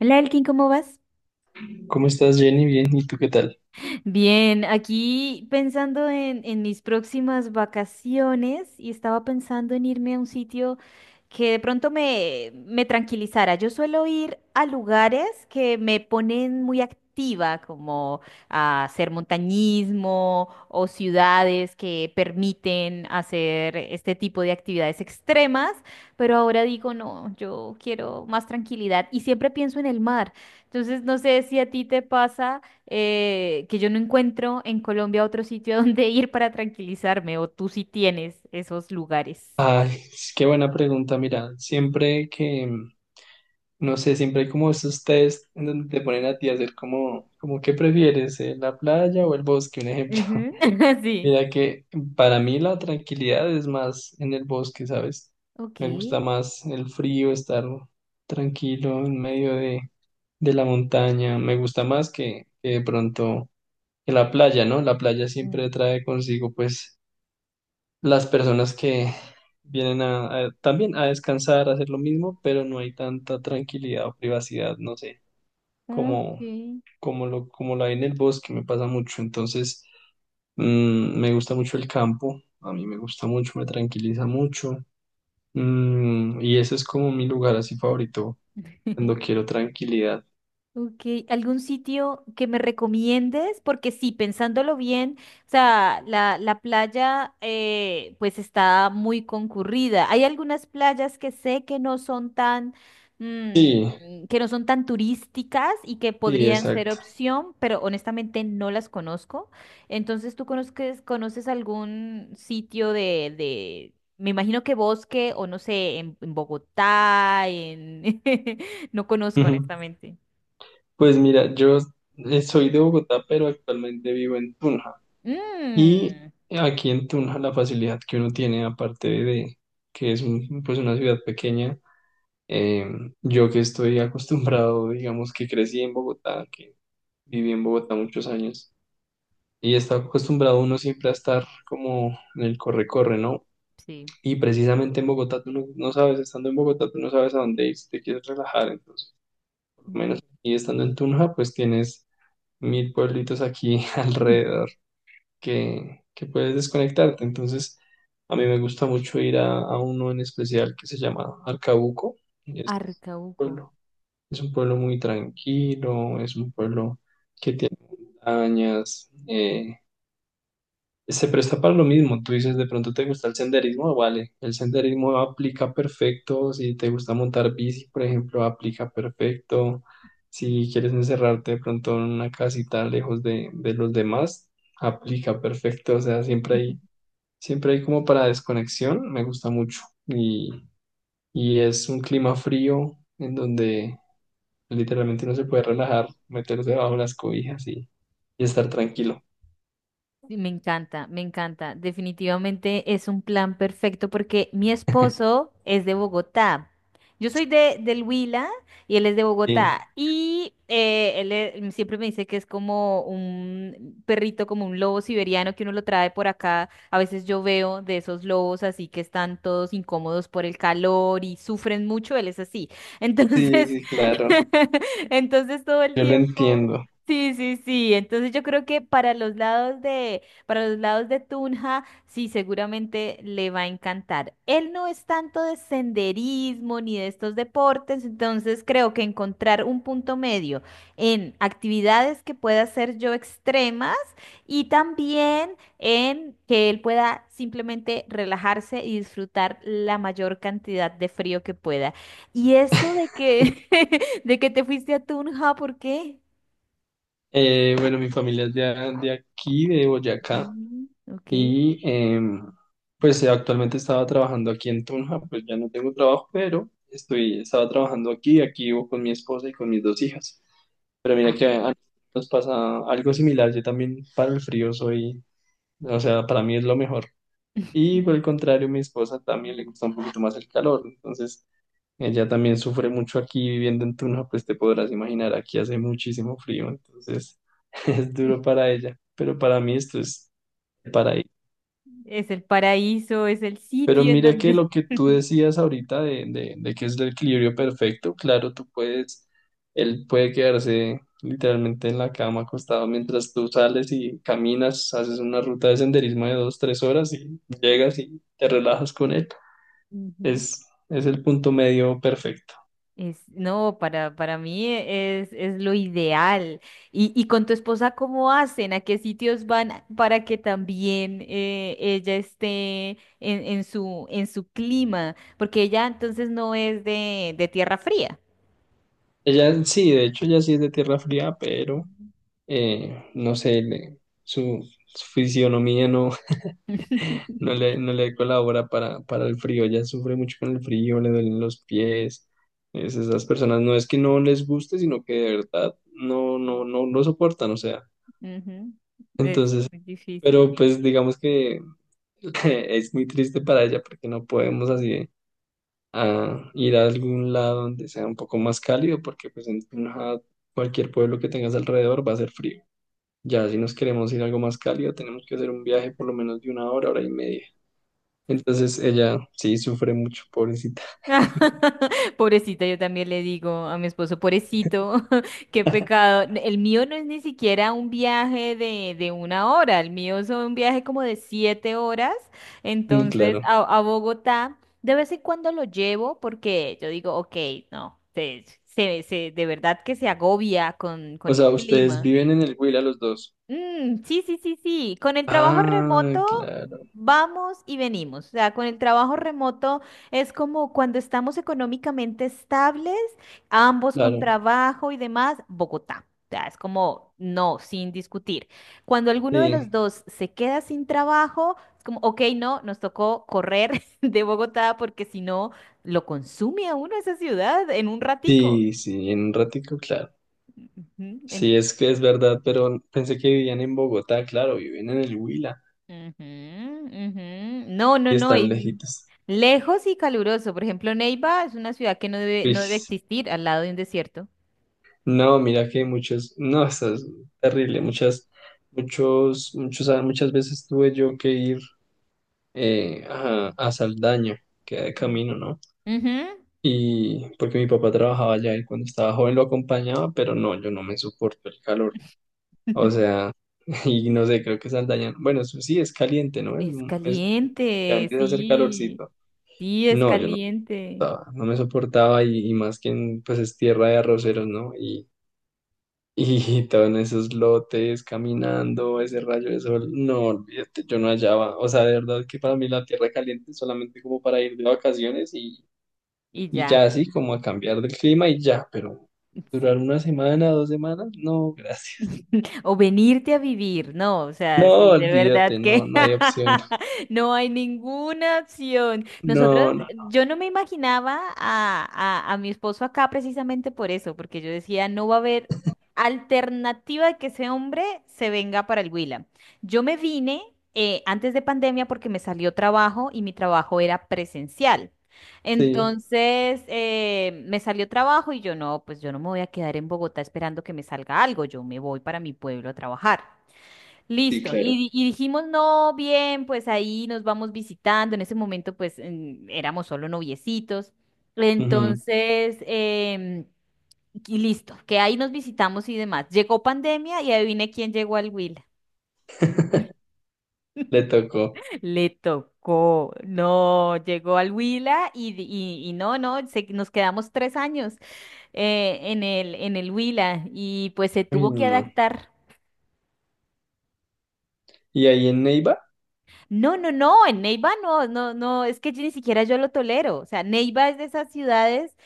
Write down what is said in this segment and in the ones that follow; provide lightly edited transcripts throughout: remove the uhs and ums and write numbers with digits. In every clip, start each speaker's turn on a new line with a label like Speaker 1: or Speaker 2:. Speaker 1: Hola Elkin, ¿cómo vas?
Speaker 2: ¿Cómo estás, Jenny? Bien, ¿y tú qué tal?
Speaker 1: Bien, aquí pensando en mis próximas vacaciones y estaba pensando en irme a un sitio que de pronto me tranquilizara. Yo suelo ir a lugares que me ponen muy activa, como a hacer montañismo o ciudades que permiten hacer este tipo de actividades extremas, pero ahora digo, no, yo quiero más tranquilidad y siempre pienso en el mar. Entonces, no sé si a ti te pasa que yo no encuentro en Colombia otro sitio a donde ir para tranquilizarme, o tú sí tienes esos lugares.
Speaker 2: Ay, qué buena pregunta. Mira, siempre que, no sé, siempre hay como esos test en donde te ponen a ti a hacer como ¿qué prefieres, la playa o el bosque? Un ejemplo.
Speaker 1: Ujú. Sí.
Speaker 2: Mira que para mí la tranquilidad es más en el bosque, ¿sabes?
Speaker 1: Ok.
Speaker 2: Me gusta más el frío, estar tranquilo en medio de la montaña. Me gusta más que de pronto que la playa, ¿no? La playa siempre
Speaker 1: Mm.
Speaker 2: trae consigo, pues, las personas que vienen a, también a descansar, a hacer lo mismo, pero no hay tanta tranquilidad o privacidad, no sé, como,
Speaker 1: Ok.
Speaker 2: como la hay en el bosque, me pasa mucho. Entonces, me gusta mucho el campo, a mí me gusta mucho, me tranquiliza mucho. Y ese es como mi lugar así favorito, cuando quiero tranquilidad.
Speaker 1: Ok, ¿algún sitio que me recomiendes? Porque sí, pensándolo bien, o sea, la playa pues está muy concurrida. Hay algunas playas que sé que no son tan,
Speaker 2: Sí,
Speaker 1: que no son tan turísticas y que
Speaker 2: sí,
Speaker 1: podrían ser
Speaker 2: exacto.
Speaker 1: opción, pero honestamente no las conozco. Entonces, ¿tú conoces algún sitio me imagino que bosque o no sé, en Bogotá, en No conozco
Speaker 2: Ujú.
Speaker 1: honestamente.
Speaker 2: Pues mira, yo soy de Bogotá, pero actualmente vivo en Tunja. Y
Speaker 1: Mm.
Speaker 2: aquí en Tunja la facilidad que uno tiene, aparte de que es pues una ciudad pequeña, eh, yo que estoy acostumbrado, digamos que crecí en Bogotá, que viví en Bogotá muchos años, y está acostumbrado uno siempre a estar como en el corre-corre, ¿no?
Speaker 1: Sí.
Speaker 2: Y precisamente en Bogotá tú no, no sabes, estando en Bogotá tú no sabes a dónde ir si te quieres relajar, entonces por lo menos. Y estando en Tunja pues tienes mil pueblitos aquí alrededor que puedes desconectarte. Entonces, a mí me gusta mucho ir a, uno en especial que se llama Arcabuco. Es un
Speaker 1: Arcauco.
Speaker 2: pueblo, es un pueblo muy tranquilo, es un pueblo que tiene montañas, se presta para lo mismo. Tú dices, de pronto te gusta el senderismo, vale. El senderismo aplica perfecto. Si te gusta montar bici, por ejemplo, aplica perfecto.
Speaker 1: Sí.
Speaker 2: Si quieres encerrarte de pronto en una casita lejos de los demás, aplica perfecto. O sea, siempre hay Siempre hay como para desconexión, me gusta mucho. Y, y es un clima frío en donde literalmente uno se puede relajar, meterse bajo las cobijas y estar tranquilo.
Speaker 1: Sí, me encanta, me encanta. Definitivamente es un plan perfecto porque mi esposo es de Bogotá. Yo soy del Huila y él es de
Speaker 2: Sí,
Speaker 1: Bogotá. Y él siempre me dice que es como un perrito, como un lobo siberiano que uno lo trae por acá. A veces yo veo de esos lobos así que están todos incómodos por el calor y sufren mucho. Él es así.
Speaker 2: sí,
Speaker 1: Entonces,
Speaker 2: sí, claro,
Speaker 1: entonces todo el
Speaker 2: yo lo
Speaker 1: tiempo.
Speaker 2: entiendo.
Speaker 1: Sí, sí, sí. Entonces yo creo que para los lados de Tunja, sí, seguramente le va a encantar. Él no es tanto de senderismo ni de estos deportes, entonces creo que encontrar un punto medio en actividades que pueda hacer yo extremas y también en que él pueda simplemente relajarse y disfrutar la mayor cantidad de frío que pueda. Y eso de que, de que te fuiste a Tunja, ¿por qué?
Speaker 2: Bueno, mi familia es de, de aquí, de Boyacá,
Speaker 1: Mm, ok.
Speaker 2: y pues actualmente estaba trabajando aquí en Tunja, pues ya no tengo trabajo, pero estoy, estaba trabajando aquí vivo con mi esposa y con mis dos hijas. Pero mira
Speaker 1: Ah.
Speaker 2: que a nos pasa algo similar. Yo también para el frío soy, o sea, para mí es lo mejor. Y por el contrario, mi esposa también le gusta un poquito más el calor. Entonces, ella también sufre mucho aquí viviendo en Tuna, pues te podrás imaginar, aquí hace muchísimo frío. Entonces, es duro para ella. Pero para mí esto es paraíso.
Speaker 1: Es el paraíso, es el
Speaker 2: Pero
Speaker 1: sitio en
Speaker 2: mira que
Speaker 1: donde
Speaker 2: lo que tú decías ahorita de que es el equilibrio perfecto, claro, tú puedes, él puede quedarse literalmente en la cama acostado mientras tú sales y caminas, haces una ruta de senderismo de 2, 3 horas y llegas y te relajas con él.
Speaker 1: Ujú.
Speaker 2: Es, es el punto medio perfecto.
Speaker 1: No, para mí es lo ideal. Y con tu esposa, ¿cómo hacen? ¿A qué sitios van para que también ella esté en su clima? Porque ella entonces no es de tierra fría.
Speaker 2: Ella sí, de hecho, ella sí es de tierra fría, pero no sé, su, su fisionomía no, no le colabora para el frío, ya sufre mucho con el frío, le duelen los pies. Esas personas no es que no les guste, sino que de verdad no, no, no lo soportan, o sea.
Speaker 1: Ujú, es
Speaker 2: Entonces,
Speaker 1: muy difícil.
Speaker 2: pero pues digamos que es muy triste para ella porque no podemos así a ir a algún lado donde sea un poco más cálido, porque pues en Tunja, cualquier pueblo que tengas alrededor va a ser frío. Ya si nos queremos ir a algo más cálido, tenemos que hacer un viaje por lo menos de una hora, hora y media. Entonces ella sí sufre mucho, pobrecita.
Speaker 1: Pobrecita, yo también le digo a mi esposo, pobrecito, qué pecado. El mío no es ni siquiera un viaje de 1 hora, el mío es un viaje como de 7 horas.
Speaker 2: Mm,
Speaker 1: Entonces,
Speaker 2: claro.
Speaker 1: a Bogotá, de vez en cuando lo llevo porque yo digo, ok, no, de verdad que se agobia con
Speaker 2: O
Speaker 1: el
Speaker 2: sea, ustedes
Speaker 1: clima.
Speaker 2: viven en el Huila los dos.
Speaker 1: Mm, sí, sí, sí, sí. Con el trabajo
Speaker 2: Ah,
Speaker 1: remoto
Speaker 2: claro,
Speaker 1: vamos y venimos. O sea, con el trabajo remoto es como cuando estamos económicamente estables, ambos con
Speaker 2: claro.
Speaker 1: trabajo y demás, Bogotá. O sea, es como no, sin discutir. Cuando alguno de los
Speaker 2: Sí,
Speaker 1: dos se queda sin trabajo, es como, ok, no, nos tocó correr de Bogotá porque si no, lo consume a uno esa ciudad en un ratico.
Speaker 2: sí, sí, en un ratico, claro.
Speaker 1: Ujú, en
Speaker 2: Sí, es que es verdad, pero pensé que vivían en Bogotá, claro, viven en el Huila
Speaker 1: Ujú, ujú. No, no,
Speaker 2: y
Speaker 1: no.
Speaker 2: están
Speaker 1: Y
Speaker 2: lejitos.
Speaker 1: lejos y caluroso. Por ejemplo, Neiva es una ciudad que no debe
Speaker 2: Uish.
Speaker 1: existir al lado de un desierto.
Speaker 2: No, mira que muchos, no, eso es terrible, muchas, muchos, muchos, ah, muchas veces tuve yo que ir a, Saldaña, que de camino, ¿no?
Speaker 1: Ujú.
Speaker 2: Y porque mi papá trabajaba allá y cuando estaba joven lo acompañaba, pero no, yo no me soporto el calor. O sea, y no sé, creo que Saldaña, bueno, eso sí es caliente, ¿no? Es,
Speaker 1: Es
Speaker 2: es- ya
Speaker 1: caliente,
Speaker 2: empieza a hacer
Speaker 1: sí.
Speaker 2: calorcito.
Speaker 1: Sí, es
Speaker 2: No, yo no,
Speaker 1: caliente.
Speaker 2: soportaba, no me soportaba y más que en, pues es tierra de arroceros, ¿no? Y todo en esos lotes, caminando, ese rayo de sol, no, olvídate, yo no hallaba. O sea, de verdad que para mí la tierra caliente es solamente como para ir de vacaciones
Speaker 1: Y
Speaker 2: y ya,
Speaker 1: ya.
Speaker 2: así como a cambiar del clima y ya, pero durar
Speaker 1: Sí.
Speaker 2: una semana, 2 semanas, no, gracias.
Speaker 1: O venirte a vivir, no, o sea,
Speaker 2: No,
Speaker 1: sí, de verdad
Speaker 2: olvídate, no,
Speaker 1: que
Speaker 2: no hay opción.
Speaker 1: no hay ninguna opción. Nosotros,
Speaker 2: No, no,
Speaker 1: yo no me imaginaba a mi esposo acá precisamente por eso, porque yo decía, no va a haber alternativa de que ese hombre se venga para el Huila. Yo me vine antes de pandemia porque me salió trabajo y mi trabajo era presencial.
Speaker 2: sí,
Speaker 1: Entonces me salió trabajo y yo no, pues yo no me voy a quedar en Bogotá esperando que me salga algo, yo me voy para mi pueblo a trabajar.
Speaker 2: sí,
Speaker 1: Listo,
Speaker 2: claro.
Speaker 1: y dijimos, no, bien, pues ahí nos vamos visitando, en ese momento pues éramos solo noviecitos,
Speaker 2: Ujú.
Speaker 1: entonces, y listo, que ahí nos visitamos y demás. Llegó pandemia y adivine quién llegó al Will.
Speaker 2: Le tocó.
Speaker 1: Le tocó, no, llegó al Huila y no, no, nos quedamos 3 años en el Huila y pues se
Speaker 2: Uy,
Speaker 1: tuvo que
Speaker 2: no.
Speaker 1: adaptar.
Speaker 2: Y ahí en Neiva,
Speaker 1: No, no, no, en Neiva no, no, no, es que yo ni siquiera yo lo tolero. O sea, Neiva es de esas ciudades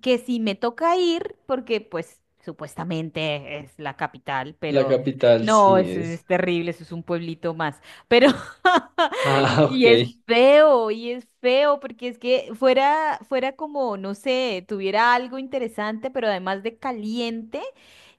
Speaker 1: que si me toca ir, porque pues supuestamente es la capital,
Speaker 2: la
Speaker 1: pero
Speaker 2: capital,
Speaker 1: no,
Speaker 2: sí
Speaker 1: eso es
Speaker 2: es.
Speaker 1: terrible, eso es un pueblito más. Pero, y,
Speaker 2: Ah,
Speaker 1: y
Speaker 2: ok,
Speaker 1: es feo, y es feo, porque es que fuera, fuera como, no sé, tuviera algo interesante, pero además de caliente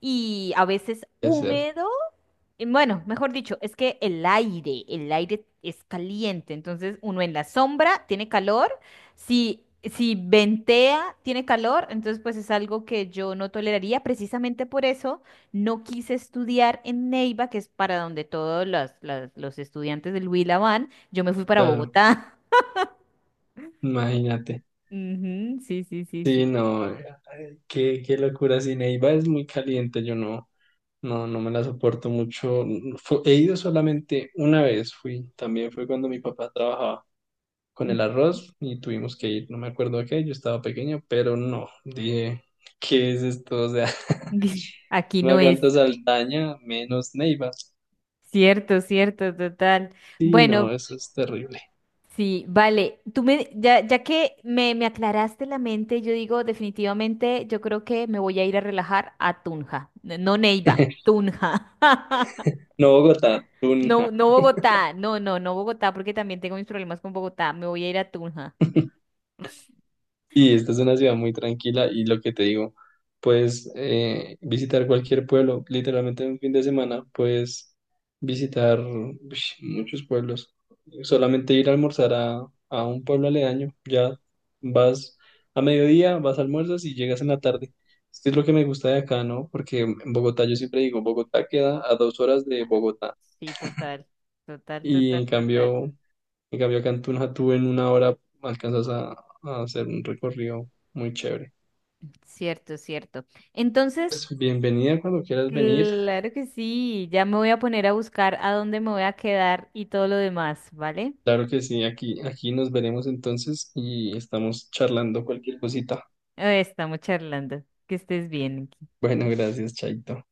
Speaker 1: y a veces
Speaker 2: puede ser,
Speaker 1: húmedo. Y bueno, mejor dicho, es que el aire es caliente, entonces uno en la sombra tiene calor, si, si ventea tiene calor, entonces pues es algo que yo no toleraría, precisamente por eso no quise estudiar en Neiva, que es para donde todos los estudiantes del Huila van, yo me fui para
Speaker 2: claro,
Speaker 1: Bogotá.
Speaker 2: imagínate.
Speaker 1: Ujú, sí, sí, sí, sí.
Speaker 2: Sí, no, ay, qué locura. Sí, Neiva es muy caliente, yo no, no, no me la soporto mucho. He ido solamente una vez, fui, también fue cuando mi papá trabajaba con el arroz y tuvimos que ir, no me acuerdo a qué, yo estaba pequeño, pero no, dije, ¿qué es esto? O sea,
Speaker 1: Aquí
Speaker 2: no
Speaker 1: no es.
Speaker 2: aguanto Saldaña, menos Neiva.
Speaker 1: Cierto, cierto, total. Mm.
Speaker 2: Sí,
Speaker 1: Bueno,
Speaker 2: no, eso es terrible.
Speaker 1: sí, vale. Ya que me aclaraste la mente, yo digo definitivamente, yo creo que me voy a ir a relajar a Tunja. No Neiva, Tunja.
Speaker 2: No Bogotá, tú
Speaker 1: No, no Bogotá, no, no, no Bogotá, porque también tengo mis problemas con Bogotá. Me voy a ir a Tunja.
Speaker 2: y esta es una ciudad muy tranquila y lo que te digo, puedes visitar cualquier pueblo, literalmente en un fin de semana puedes visitar muchos pueblos. Solamente ir a almorzar a, un pueblo aledaño, ya vas a mediodía, vas a almuerzas y llegas en la tarde. Esto es lo que me gusta de acá, ¿no? Porque en Bogotá yo siempre digo, Bogotá queda a 2 horas de Bogotá
Speaker 1: Sí, total, total,
Speaker 2: y
Speaker 1: total,
Speaker 2: en
Speaker 1: total.
Speaker 2: cambio, en cambio acá en Tunja tú en 1 hora alcanzas a hacer un recorrido muy chévere.
Speaker 1: Cierto, cierto. Entonces,
Speaker 2: Pues, bienvenida cuando quieras venir.
Speaker 1: claro que sí, ya me voy a poner a buscar a dónde me voy a quedar y todo lo demás, ¿vale?
Speaker 2: Claro que sí, aquí nos veremos entonces y estamos charlando cualquier cosita.
Speaker 1: Estamos charlando. Que estés bien.
Speaker 2: Bueno, gracias, Chaito.